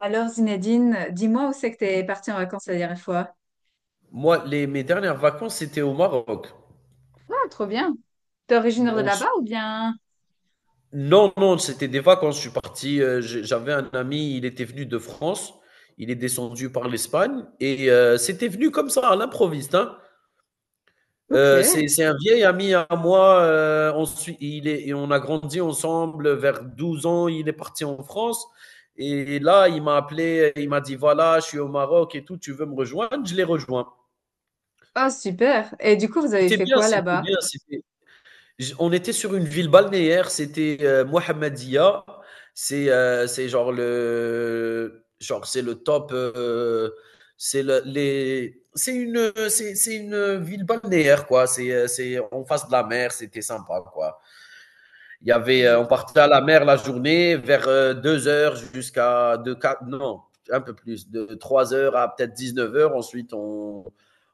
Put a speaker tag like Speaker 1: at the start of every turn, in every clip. Speaker 1: Alors Zinedine, dis-moi où c'est que t'es partie en vacances la dernière fois?
Speaker 2: Moi, mes dernières vacances, c'était au Maroc.
Speaker 1: Ah, trop bien. T'es originaire de
Speaker 2: On s-
Speaker 1: là-bas ou bien?
Speaker 2: non, non, c'était des vacances. Je suis parti. J'avais un ami, il était venu de France. Il est descendu par l'Espagne. Et c'était venu comme ça, à l'improviste, hein.
Speaker 1: Ok.
Speaker 2: C'est un vieil ami à moi. Il est, et on a grandi ensemble vers 12 ans. Il est parti en France. Et là, il m'a appelé. Il m'a dit, voilà, je suis au Maroc et tout. Tu veux me rejoindre? Je l'ai rejoint.
Speaker 1: Ah, super. Et du coup, vous avez
Speaker 2: C'était
Speaker 1: fait
Speaker 2: bien,
Speaker 1: quoi
Speaker 2: c'était
Speaker 1: là-bas?
Speaker 2: bien. On était sur une ville balnéaire, c'était Mohammedia. C'est genre, c'est le top. C'est une ville balnéaire, quoi. C'est en face de la mer, c'était sympa, quoi.
Speaker 1: Je-
Speaker 2: On partait à la mer la journée vers 2 heures jusqu'à 2 4 non, un peu plus, de 3 heures à peut-être 19 heures. Ensuite, on,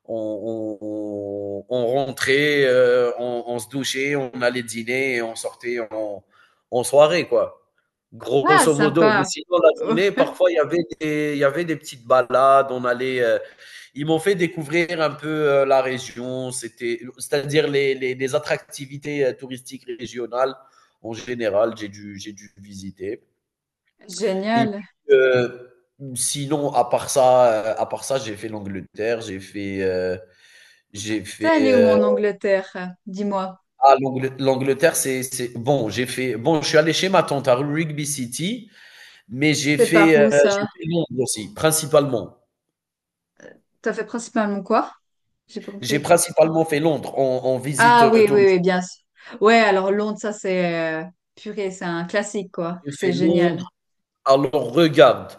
Speaker 2: on, on, on rentrait, se douchait, on allait dîner et on sortait en soirée, quoi.
Speaker 1: Ah,
Speaker 2: Grosso modo. Mais
Speaker 1: sympa.
Speaker 2: sinon, la
Speaker 1: Oh,
Speaker 2: journée, parfois, il y avait des petites balades. On allait. Ils m'ont fait découvrir un peu la région, c'est-à-dire les attractivités touristiques régionales. En général, j'ai dû visiter. Et
Speaker 1: génial.
Speaker 2: puis, sinon, à part ça, j'ai fait l'Angleterre, j'ai fait, j'ai
Speaker 1: T'es
Speaker 2: fait.
Speaker 1: allé où en Angleterre? Dis-moi.
Speaker 2: Ah, l'Angle- L'Angleterre, c'est bon. J'ai fait. Bon, je suis allé chez ma tante à Rugby City, mais
Speaker 1: C'est par où
Speaker 2: j'ai
Speaker 1: ça?
Speaker 2: fait Londres aussi, principalement.
Speaker 1: T'as fait principalement quoi? J'ai pas
Speaker 2: J'ai
Speaker 1: compris.
Speaker 2: principalement fait Londres en visite
Speaker 1: Ah oui, oui,
Speaker 2: touristique.
Speaker 1: oui, bien sûr. Ouais, alors Londres, ça c'est purée, c'est un classique quoi.
Speaker 2: J'ai
Speaker 1: C'est
Speaker 2: fait
Speaker 1: génial.
Speaker 2: Londres. Alors regarde,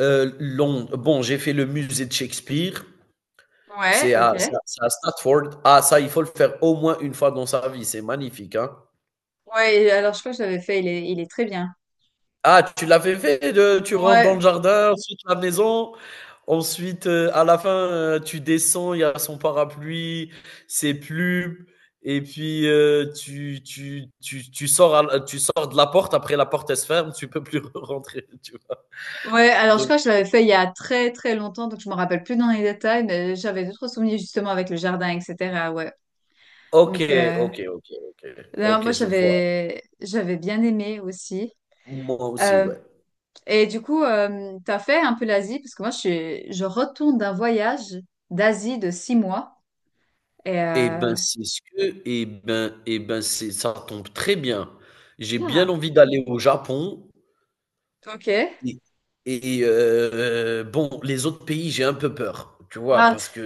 Speaker 2: Londres. Bon, j'ai fait le musée de Shakespeare.
Speaker 1: Ouais, ok.
Speaker 2: C'est à Stratford. Ah, ça, il faut le faire au moins une fois dans sa vie. C'est magnifique, hein.
Speaker 1: Ouais, et alors je crois que je l'avais fait, il est très bien.
Speaker 2: Ah, tu l'avais fait, tu rentres dans le
Speaker 1: Ouais,
Speaker 2: jardin, ensuite la maison, ensuite, à la fin, tu descends, il y a son parapluie, ses plumes et puis, tu sors de la porte, après la porte, elle se ferme, tu peux plus rentrer, tu vois?
Speaker 1: ouais, alors je
Speaker 2: Donc
Speaker 1: crois que je l'avais fait il y a très très longtemps, donc je me rappelle plus dans les détails, mais j'avais d'autres souvenirs justement avec le jardin, etc. Ouais. Donc
Speaker 2: OK, OK, OK,
Speaker 1: non, moi
Speaker 2: OK, je vois.
Speaker 1: j'avais bien aimé aussi.
Speaker 2: Moi aussi,
Speaker 1: Euh,
Speaker 2: ouais.
Speaker 1: et du coup, t'as fait un peu l'Asie parce que moi je retourne d'un voyage d'Asie de six mois et
Speaker 2: Et
Speaker 1: euh,
Speaker 2: ben, c'est ce que et ben, c'est ça tombe très bien. J'ai bien
Speaker 1: Ah.
Speaker 2: envie d'aller au Japon
Speaker 1: Ok.
Speaker 2: et et bon, les autres pays, j'ai un peu peur, tu vois?
Speaker 1: Ah,
Speaker 2: Parce que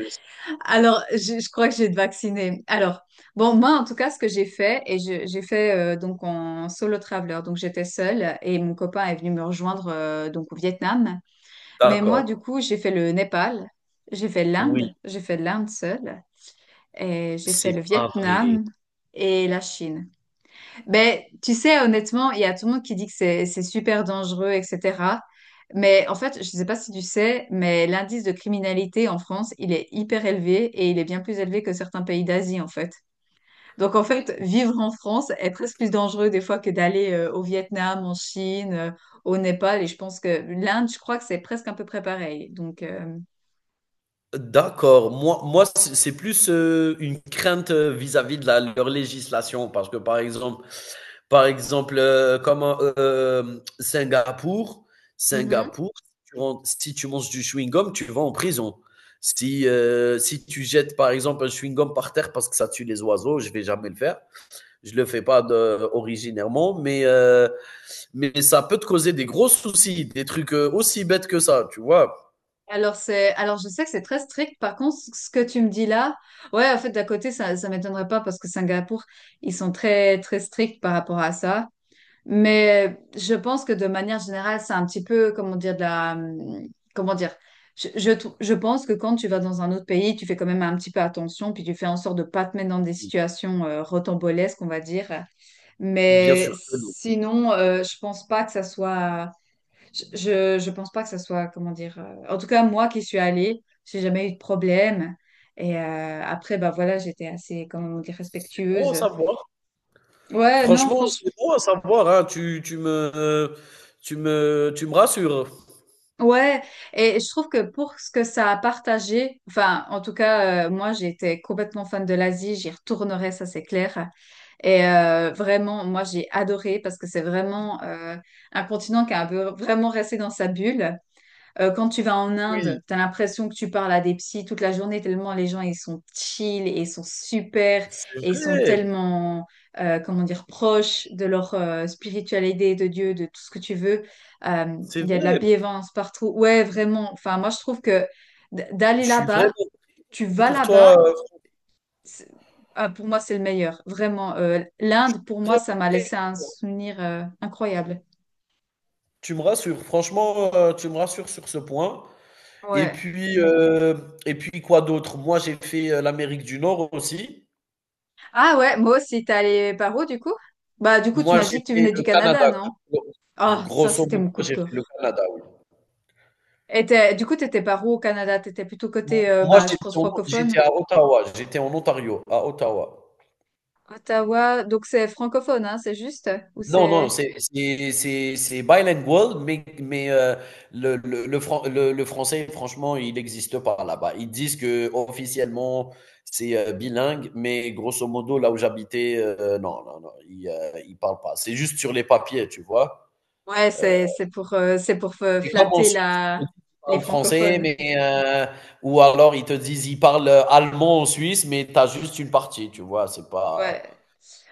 Speaker 1: alors, je crois que j'ai été vaccinée. Alors, bon, moi, en tout cas, ce que j'ai fait, et j'ai fait donc en solo traveler, donc j'étais seule et mon copain est venu me rejoindre donc au Vietnam. Mais moi,
Speaker 2: d'accord,
Speaker 1: du coup, j'ai fait le Népal,
Speaker 2: oui,
Speaker 1: j'ai fait l'Inde seule, et j'ai fait
Speaker 2: c'est
Speaker 1: le
Speaker 2: pas vrai.
Speaker 1: Vietnam et la Chine. Ben, tu sais, honnêtement, il y a tout le monde qui dit que c'est super dangereux, etc. Mais en fait, je ne sais pas si tu sais, mais l'indice de criminalité en France, il est hyper élevé et il est bien plus élevé que certains pays d'Asie, en fait. Donc, en fait, vivre en France est presque plus dangereux des fois que d'aller au Vietnam, en Chine, au Népal. Et je pense que l'Inde, je crois que c'est presque un peu près pareil. Donc,
Speaker 2: D'accord, moi, c'est plus, une crainte, vis-à-vis de la leur législation parce que, par exemple, Par exemple, comme Singapour. Singapour, si tu manges du chewing-gum, tu vas en prison. Si tu jettes, par exemple, un chewing-gum par terre parce que ça tue les oiseaux, je vais jamais le faire. Je le fais pas originairement, mais ça peut te causer des gros soucis, des trucs aussi bêtes que ça, tu vois.
Speaker 1: alors je sais que c'est très strict. Par contre, ce que tu me dis là, ouais, en fait, d'à côté, ça m'étonnerait pas parce que Singapour, ils sont très, très stricts par rapport à ça. Mais je pense que de manière générale, c'est un petit peu, comment dire, de la, comment dire, je pense que quand tu vas dans un autre pays, tu fais quand même un petit peu attention, puis tu fais en sorte de pas te mettre dans des
Speaker 2: Oui,
Speaker 1: situations rocambolesques, on va dire.
Speaker 2: bien
Speaker 1: Mais
Speaker 2: sûr que non.
Speaker 1: sinon, je pense pas que ça soit, comment dire, en tout cas, moi qui suis allée, j'ai jamais eu de problème. Et après, bah voilà, j'étais assez, comment on dit,
Speaker 2: C'est bon à
Speaker 1: respectueuse.
Speaker 2: savoir.
Speaker 1: Ouais, non,
Speaker 2: Franchement,
Speaker 1: franchement,
Speaker 2: c'est bon à savoir, hein. Tu me rassures.
Speaker 1: ouais. Et je trouve que pour ce que ça a partagé, enfin, en tout cas, moi, j'étais complètement fan de l'Asie, j'y retournerai, ça c'est clair. Et vraiment, moi, j'ai adoré parce que c'est vraiment un continent qui a un peu vraiment resté dans sa bulle. Quand tu vas en
Speaker 2: Oui,
Speaker 1: Inde, tu as l'impression que tu parles à des psys toute la journée, tellement les gens, ils sont chill et ils sont super
Speaker 2: c'est
Speaker 1: et ils sont
Speaker 2: vrai.
Speaker 1: tellement, comment dire, proches de leur spiritualité, de Dieu, de tout ce que tu veux. Euh,
Speaker 2: C'est
Speaker 1: Il y a de la
Speaker 2: vrai,
Speaker 1: bienveillance partout. Ouais, vraiment. Enfin, moi, je trouve que d-
Speaker 2: je
Speaker 1: d'aller
Speaker 2: suis vraiment
Speaker 1: là-bas, tu
Speaker 2: content
Speaker 1: vas
Speaker 2: pour toi,
Speaker 1: là-bas, c'est- ah, pour moi, c'est le meilleur. Vraiment.
Speaker 2: je suis
Speaker 1: L'Inde, pour moi, ça
Speaker 2: vraiment
Speaker 1: m'a
Speaker 2: très
Speaker 1: laissé un
Speaker 2: content.
Speaker 1: souvenir incroyable.
Speaker 2: Tu me rassures, franchement, tu me rassures sur ce point et
Speaker 1: Ouais.
Speaker 2: puis, heu et puis quoi d'autre? Moi, j'ai fait, l'Amérique du Nord aussi.
Speaker 1: Ah ouais, moi aussi, t'es allé par où du coup? Bah du coup, tu
Speaker 2: Moi,
Speaker 1: m'as
Speaker 2: j'ai
Speaker 1: dit que tu
Speaker 2: fait
Speaker 1: venais du
Speaker 2: le
Speaker 1: Canada,
Speaker 2: Canada,
Speaker 1: non? Ah, ça
Speaker 2: grosso
Speaker 1: c'était
Speaker 2: modo,
Speaker 1: mon coup de
Speaker 2: j'ai fait le
Speaker 1: cœur.
Speaker 2: Canada, oui.
Speaker 1: Et du coup, t'étais par où au Canada? T'étais plutôt
Speaker 2: Moi,
Speaker 1: côté, bah je pense francophone.
Speaker 2: j'étais à Ottawa, j'étais en Ontario, à Ottawa.
Speaker 1: Ottawa, donc c'est francophone, hein, c'est juste? Ou
Speaker 2: Non, non,
Speaker 1: c'est.
Speaker 2: c'est bilingual, mais, mais euh, le français, franchement, il n'existe pas là-bas. Ils disent que officiellement c'est bilingue, mais grosso modo, là où j'habitais, euh, non, ils ne parlent pas. C'est juste sur les papiers, tu vois.
Speaker 1: Ouais,
Speaker 2: Euh,
Speaker 1: c'est pour c'est pour
Speaker 2: c'est comme en
Speaker 1: flatter
Speaker 2: Suisse, ils te
Speaker 1: la
Speaker 2: disent qu'ils
Speaker 1: les
Speaker 2: parlent français,
Speaker 1: francophones.
Speaker 2: mais, ou alors ils te disent ils parlent allemand en Suisse, mais tu as juste une partie, tu vois. C'est pas.
Speaker 1: Ouais,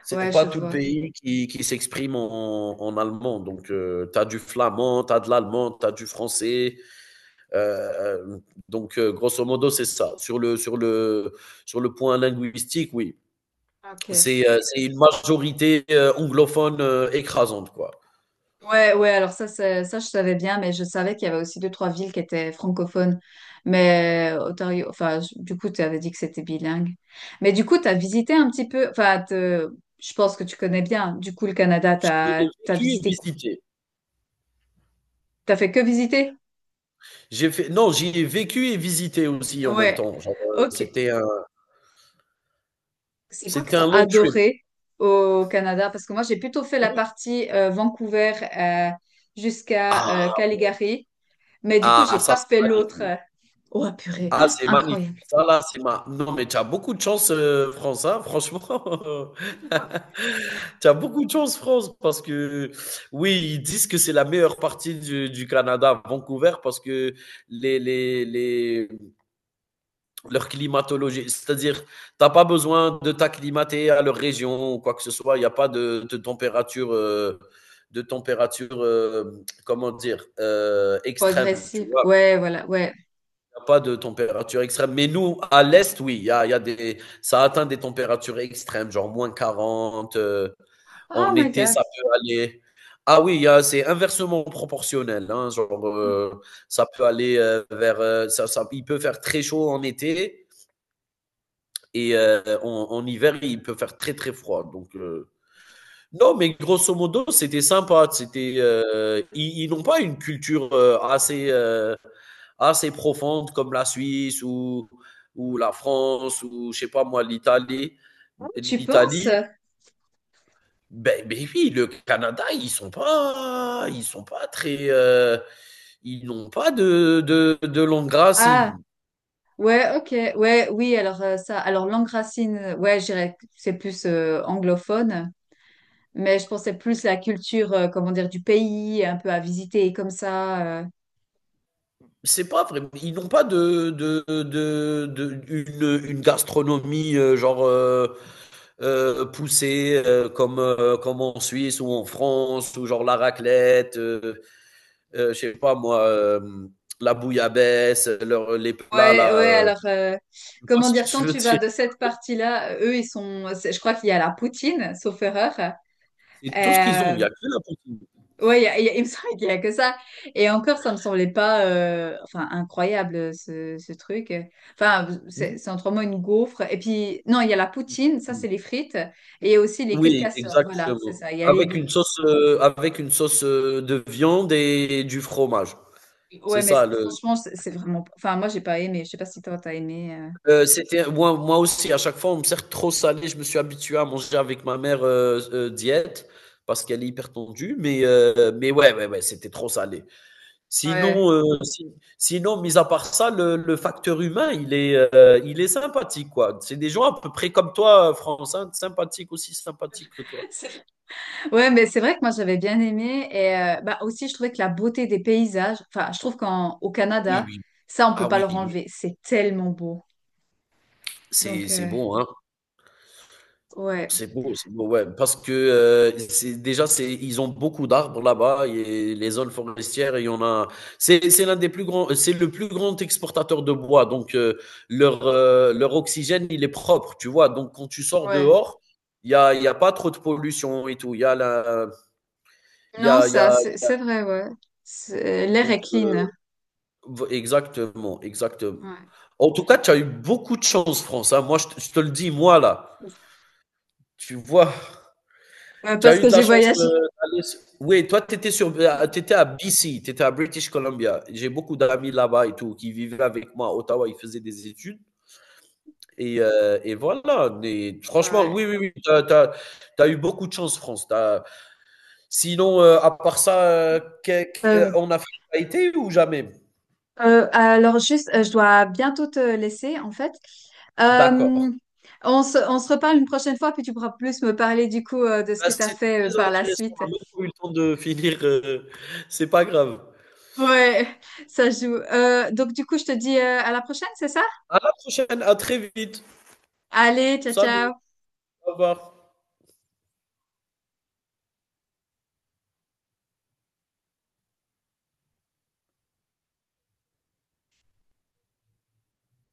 Speaker 2: C'est
Speaker 1: ouais,
Speaker 2: pas
Speaker 1: je
Speaker 2: tout le
Speaker 1: vois.
Speaker 2: pays qui s'exprime en allemand. Donc, tu as du flamand, tu as de l'allemand, tu as du français. Euh, euh, Grosso modo, c'est ça. Sur le point linguistique, oui.
Speaker 1: Ok.
Speaker 2: C'est une majorité anglophone écrasante, quoi.
Speaker 1: Ouais, ouais, alors ça, ça, je savais bien, mais je savais qu'il y avait aussi deux, trois villes qui étaient francophones. Mais Ontario, enfin, du coup, tu avais dit que c'était bilingue. Mais du coup, tu as visité un petit peu, enfin, je pense que tu connais bien, du coup, le Canada,
Speaker 2: J'y
Speaker 1: t'as,
Speaker 2: ai
Speaker 1: t'as
Speaker 2: vécu et
Speaker 1: visité quoi?
Speaker 2: visité.
Speaker 1: T'as fait que visiter?
Speaker 2: J'ai fait... Non, j'y ai vécu et visité aussi en même
Speaker 1: Ouais.
Speaker 2: temps. Genre,
Speaker 1: Ok.
Speaker 2: c'était un...
Speaker 1: C'est quoi que
Speaker 2: c'était
Speaker 1: t'as
Speaker 2: un long trip.
Speaker 1: adoré au Canada? Parce que moi, j'ai plutôt fait la
Speaker 2: Oui.
Speaker 1: partie Vancouver jusqu'à
Speaker 2: Ah,
Speaker 1: Calgary, mais du coup,
Speaker 2: ah,
Speaker 1: j'ai
Speaker 2: ça,
Speaker 1: pas
Speaker 2: c'est
Speaker 1: fait l'autre.
Speaker 2: magnifique.
Speaker 1: Oh, purée,
Speaker 2: Ah, c'est magnifique.
Speaker 1: incroyable.
Speaker 2: Ça, là, c'est ma Non, mais tu as beaucoup de chance, France, hein, franchement. Tu as beaucoup de chance, France, parce que oui, ils disent que c'est la meilleure partie du Canada, Vancouver, parce que les leur climatologie, c'est-à-dire, tu as pas besoin de t'acclimater à leur région ou quoi que ce soit. Il y a pas de température, heu, comment dire? Extrême, tu
Speaker 1: Progressive.
Speaker 2: vois?
Speaker 1: Ouais, voilà, ouais.
Speaker 2: Pas de température extrême. Mais nous, à l'Est, oui, il y a des, ça atteint des températures extrêmes, genre moins 40 en
Speaker 1: Oh my
Speaker 2: été,
Speaker 1: God.
Speaker 2: ça peut aller. Ah oui, c'est inversement proportionnel, hein, ça peut aller vers. Ça, ça- il peut faire très chaud en été et en hiver, il peut faire très, très froid. Donc, non, mais grosso modo, c'était sympa. Ils n'ont pas une culture assez profonde comme la Suisse ou la France ou, je sais pas moi, l'Italie.
Speaker 1: Oh, tu
Speaker 2: L'Italie,
Speaker 1: penses?
Speaker 2: ben oui, le Canada, ils sont pas très, ils n'ont pas de longues
Speaker 1: Ah,
Speaker 2: racines.
Speaker 1: ouais, ok. Ouais, oui, alors ça. Alors, langue racine, ouais, je dirais que c'est plus anglophone, mais je pensais plus la culture, comment dire, du pays, un peu à visiter comme ça.
Speaker 2: C'est pas vrai. Ils n'ont pas une gastronomie euh, poussé comme en Suisse ou en France, ou genre la raclette, je sais pas moi, la bouillabaisse, leur- les plats
Speaker 1: Ouais,
Speaker 2: là.
Speaker 1: ouais, alors,
Speaker 2: Tu vois
Speaker 1: comment
Speaker 2: ce que
Speaker 1: dire, quand
Speaker 2: je veux
Speaker 1: tu
Speaker 2: dire?
Speaker 1: vas de cette partie-là, eux, je crois qu'il y a la poutine, sauf erreur.
Speaker 2: C'est tout ce qu'ils ont,
Speaker 1: Euh,
Speaker 2: il n'y a que la poutine.
Speaker 1: Ouais, il me semble qu'il y a que ça. Et encore, ça me semblait pas, enfin, incroyable ce truc. Enfin, c'est
Speaker 2: Mhm.
Speaker 1: c'est en trois mots une gaufre. Et puis, non, il y a la poutine, ça c'est les frites, et il y a aussi les queues de
Speaker 2: Oui,
Speaker 1: castor. Voilà, c'est
Speaker 2: exactement.
Speaker 1: ça. Il y a les
Speaker 2: Avec
Speaker 1: deux.
Speaker 2: une sauce, de viande et du fromage.
Speaker 1: Ouais,
Speaker 2: C'est
Speaker 1: mais
Speaker 2: ça le.
Speaker 1: franchement, c'est vraiment. Enfin, moi, j'ai pas aimé. Je sais pas si toi t'as aimé.
Speaker 2: C'était Moi, moi aussi, à chaque fois, on me sert trop salé. Je me suis habitué à manger avec ma mère diète parce qu'elle est hyper tendue, mais, mais ouais, ouais, ouais, c'était trop salé. Sinon,
Speaker 1: Ouais.
Speaker 2: si- Sinon, mis à part ça, le facteur humain, il est sympathique, quoi. C'est des gens à peu près comme toi, France, hein, sympathique, aussi sympathique que toi.
Speaker 1: C'est- Ouais, mais c'est vrai que moi j'avais bien aimé et bah aussi je trouvais que la beauté des paysages. Enfin, je trouve qu'en au
Speaker 2: Oui,
Speaker 1: Canada,
Speaker 2: oui.
Speaker 1: ça on
Speaker 2: Ah
Speaker 1: peut pas
Speaker 2: oui,
Speaker 1: le
Speaker 2: oui.
Speaker 1: enlever. C'est tellement beau. Donc
Speaker 2: C'est bon, hein.
Speaker 1: ouais,
Speaker 2: C'est beau, ouais. Parce que ils ont beaucoup d'arbres là-bas et les zones forestières, il y en a. C'est le plus grand exportateur de bois. Donc leur leur oxygène, il est propre, tu vois. Donc quand tu sors
Speaker 1: ouais.
Speaker 2: dehors, il y a pas trop de pollution et tout. Il y a la,
Speaker 1: Non,
Speaker 2: il y
Speaker 1: ça,
Speaker 2: a
Speaker 1: c'est vrai, ouais. L'air
Speaker 2: donc
Speaker 1: est clean.
Speaker 2: v- Exactement, exactement.
Speaker 1: Ouais.
Speaker 2: En tout cas, tu as eu beaucoup de chance, France, hein. Moi, je te le dis, moi là, tu vois.
Speaker 1: Euh,
Speaker 2: Tu as
Speaker 1: parce
Speaker 2: eu
Speaker 1: que
Speaker 2: de la
Speaker 1: j'ai
Speaker 2: chance
Speaker 1: voyagé.
Speaker 2: Oui, toi, tu étais, t'étais à BC, tu étais à British Columbia. J'ai beaucoup d'amis là-bas et tout qui vivaient avec moi à Ottawa, ils faisaient des études. Et voilà. Mais franchement, oui,
Speaker 1: Ouais.
Speaker 2: oui, oui, tu as eu beaucoup de chance, France. Sinon, à part ça,
Speaker 1: Ouais. Euh,
Speaker 2: en Afrique, tu as été ou jamais?
Speaker 1: euh, alors juste, je dois bientôt te laisser en fait.
Speaker 2: D'accord.
Speaker 1: Euh, on se reparle une prochaine fois, puis tu pourras plus me parler du coup de ce
Speaker 2: Ben,
Speaker 1: que tu as
Speaker 2: c'était
Speaker 1: fait
Speaker 2: très
Speaker 1: par la
Speaker 2: intéressant.
Speaker 1: suite.
Speaker 2: On n'a même pas eu le temps de finir. C'est pas grave.
Speaker 1: Ouais, ça joue. Donc du coup, je te dis à la prochaine, c'est ça?
Speaker 2: À la prochaine, à très vite.
Speaker 1: Allez, ciao,
Speaker 2: Salut,
Speaker 1: ciao.
Speaker 2: au revoir.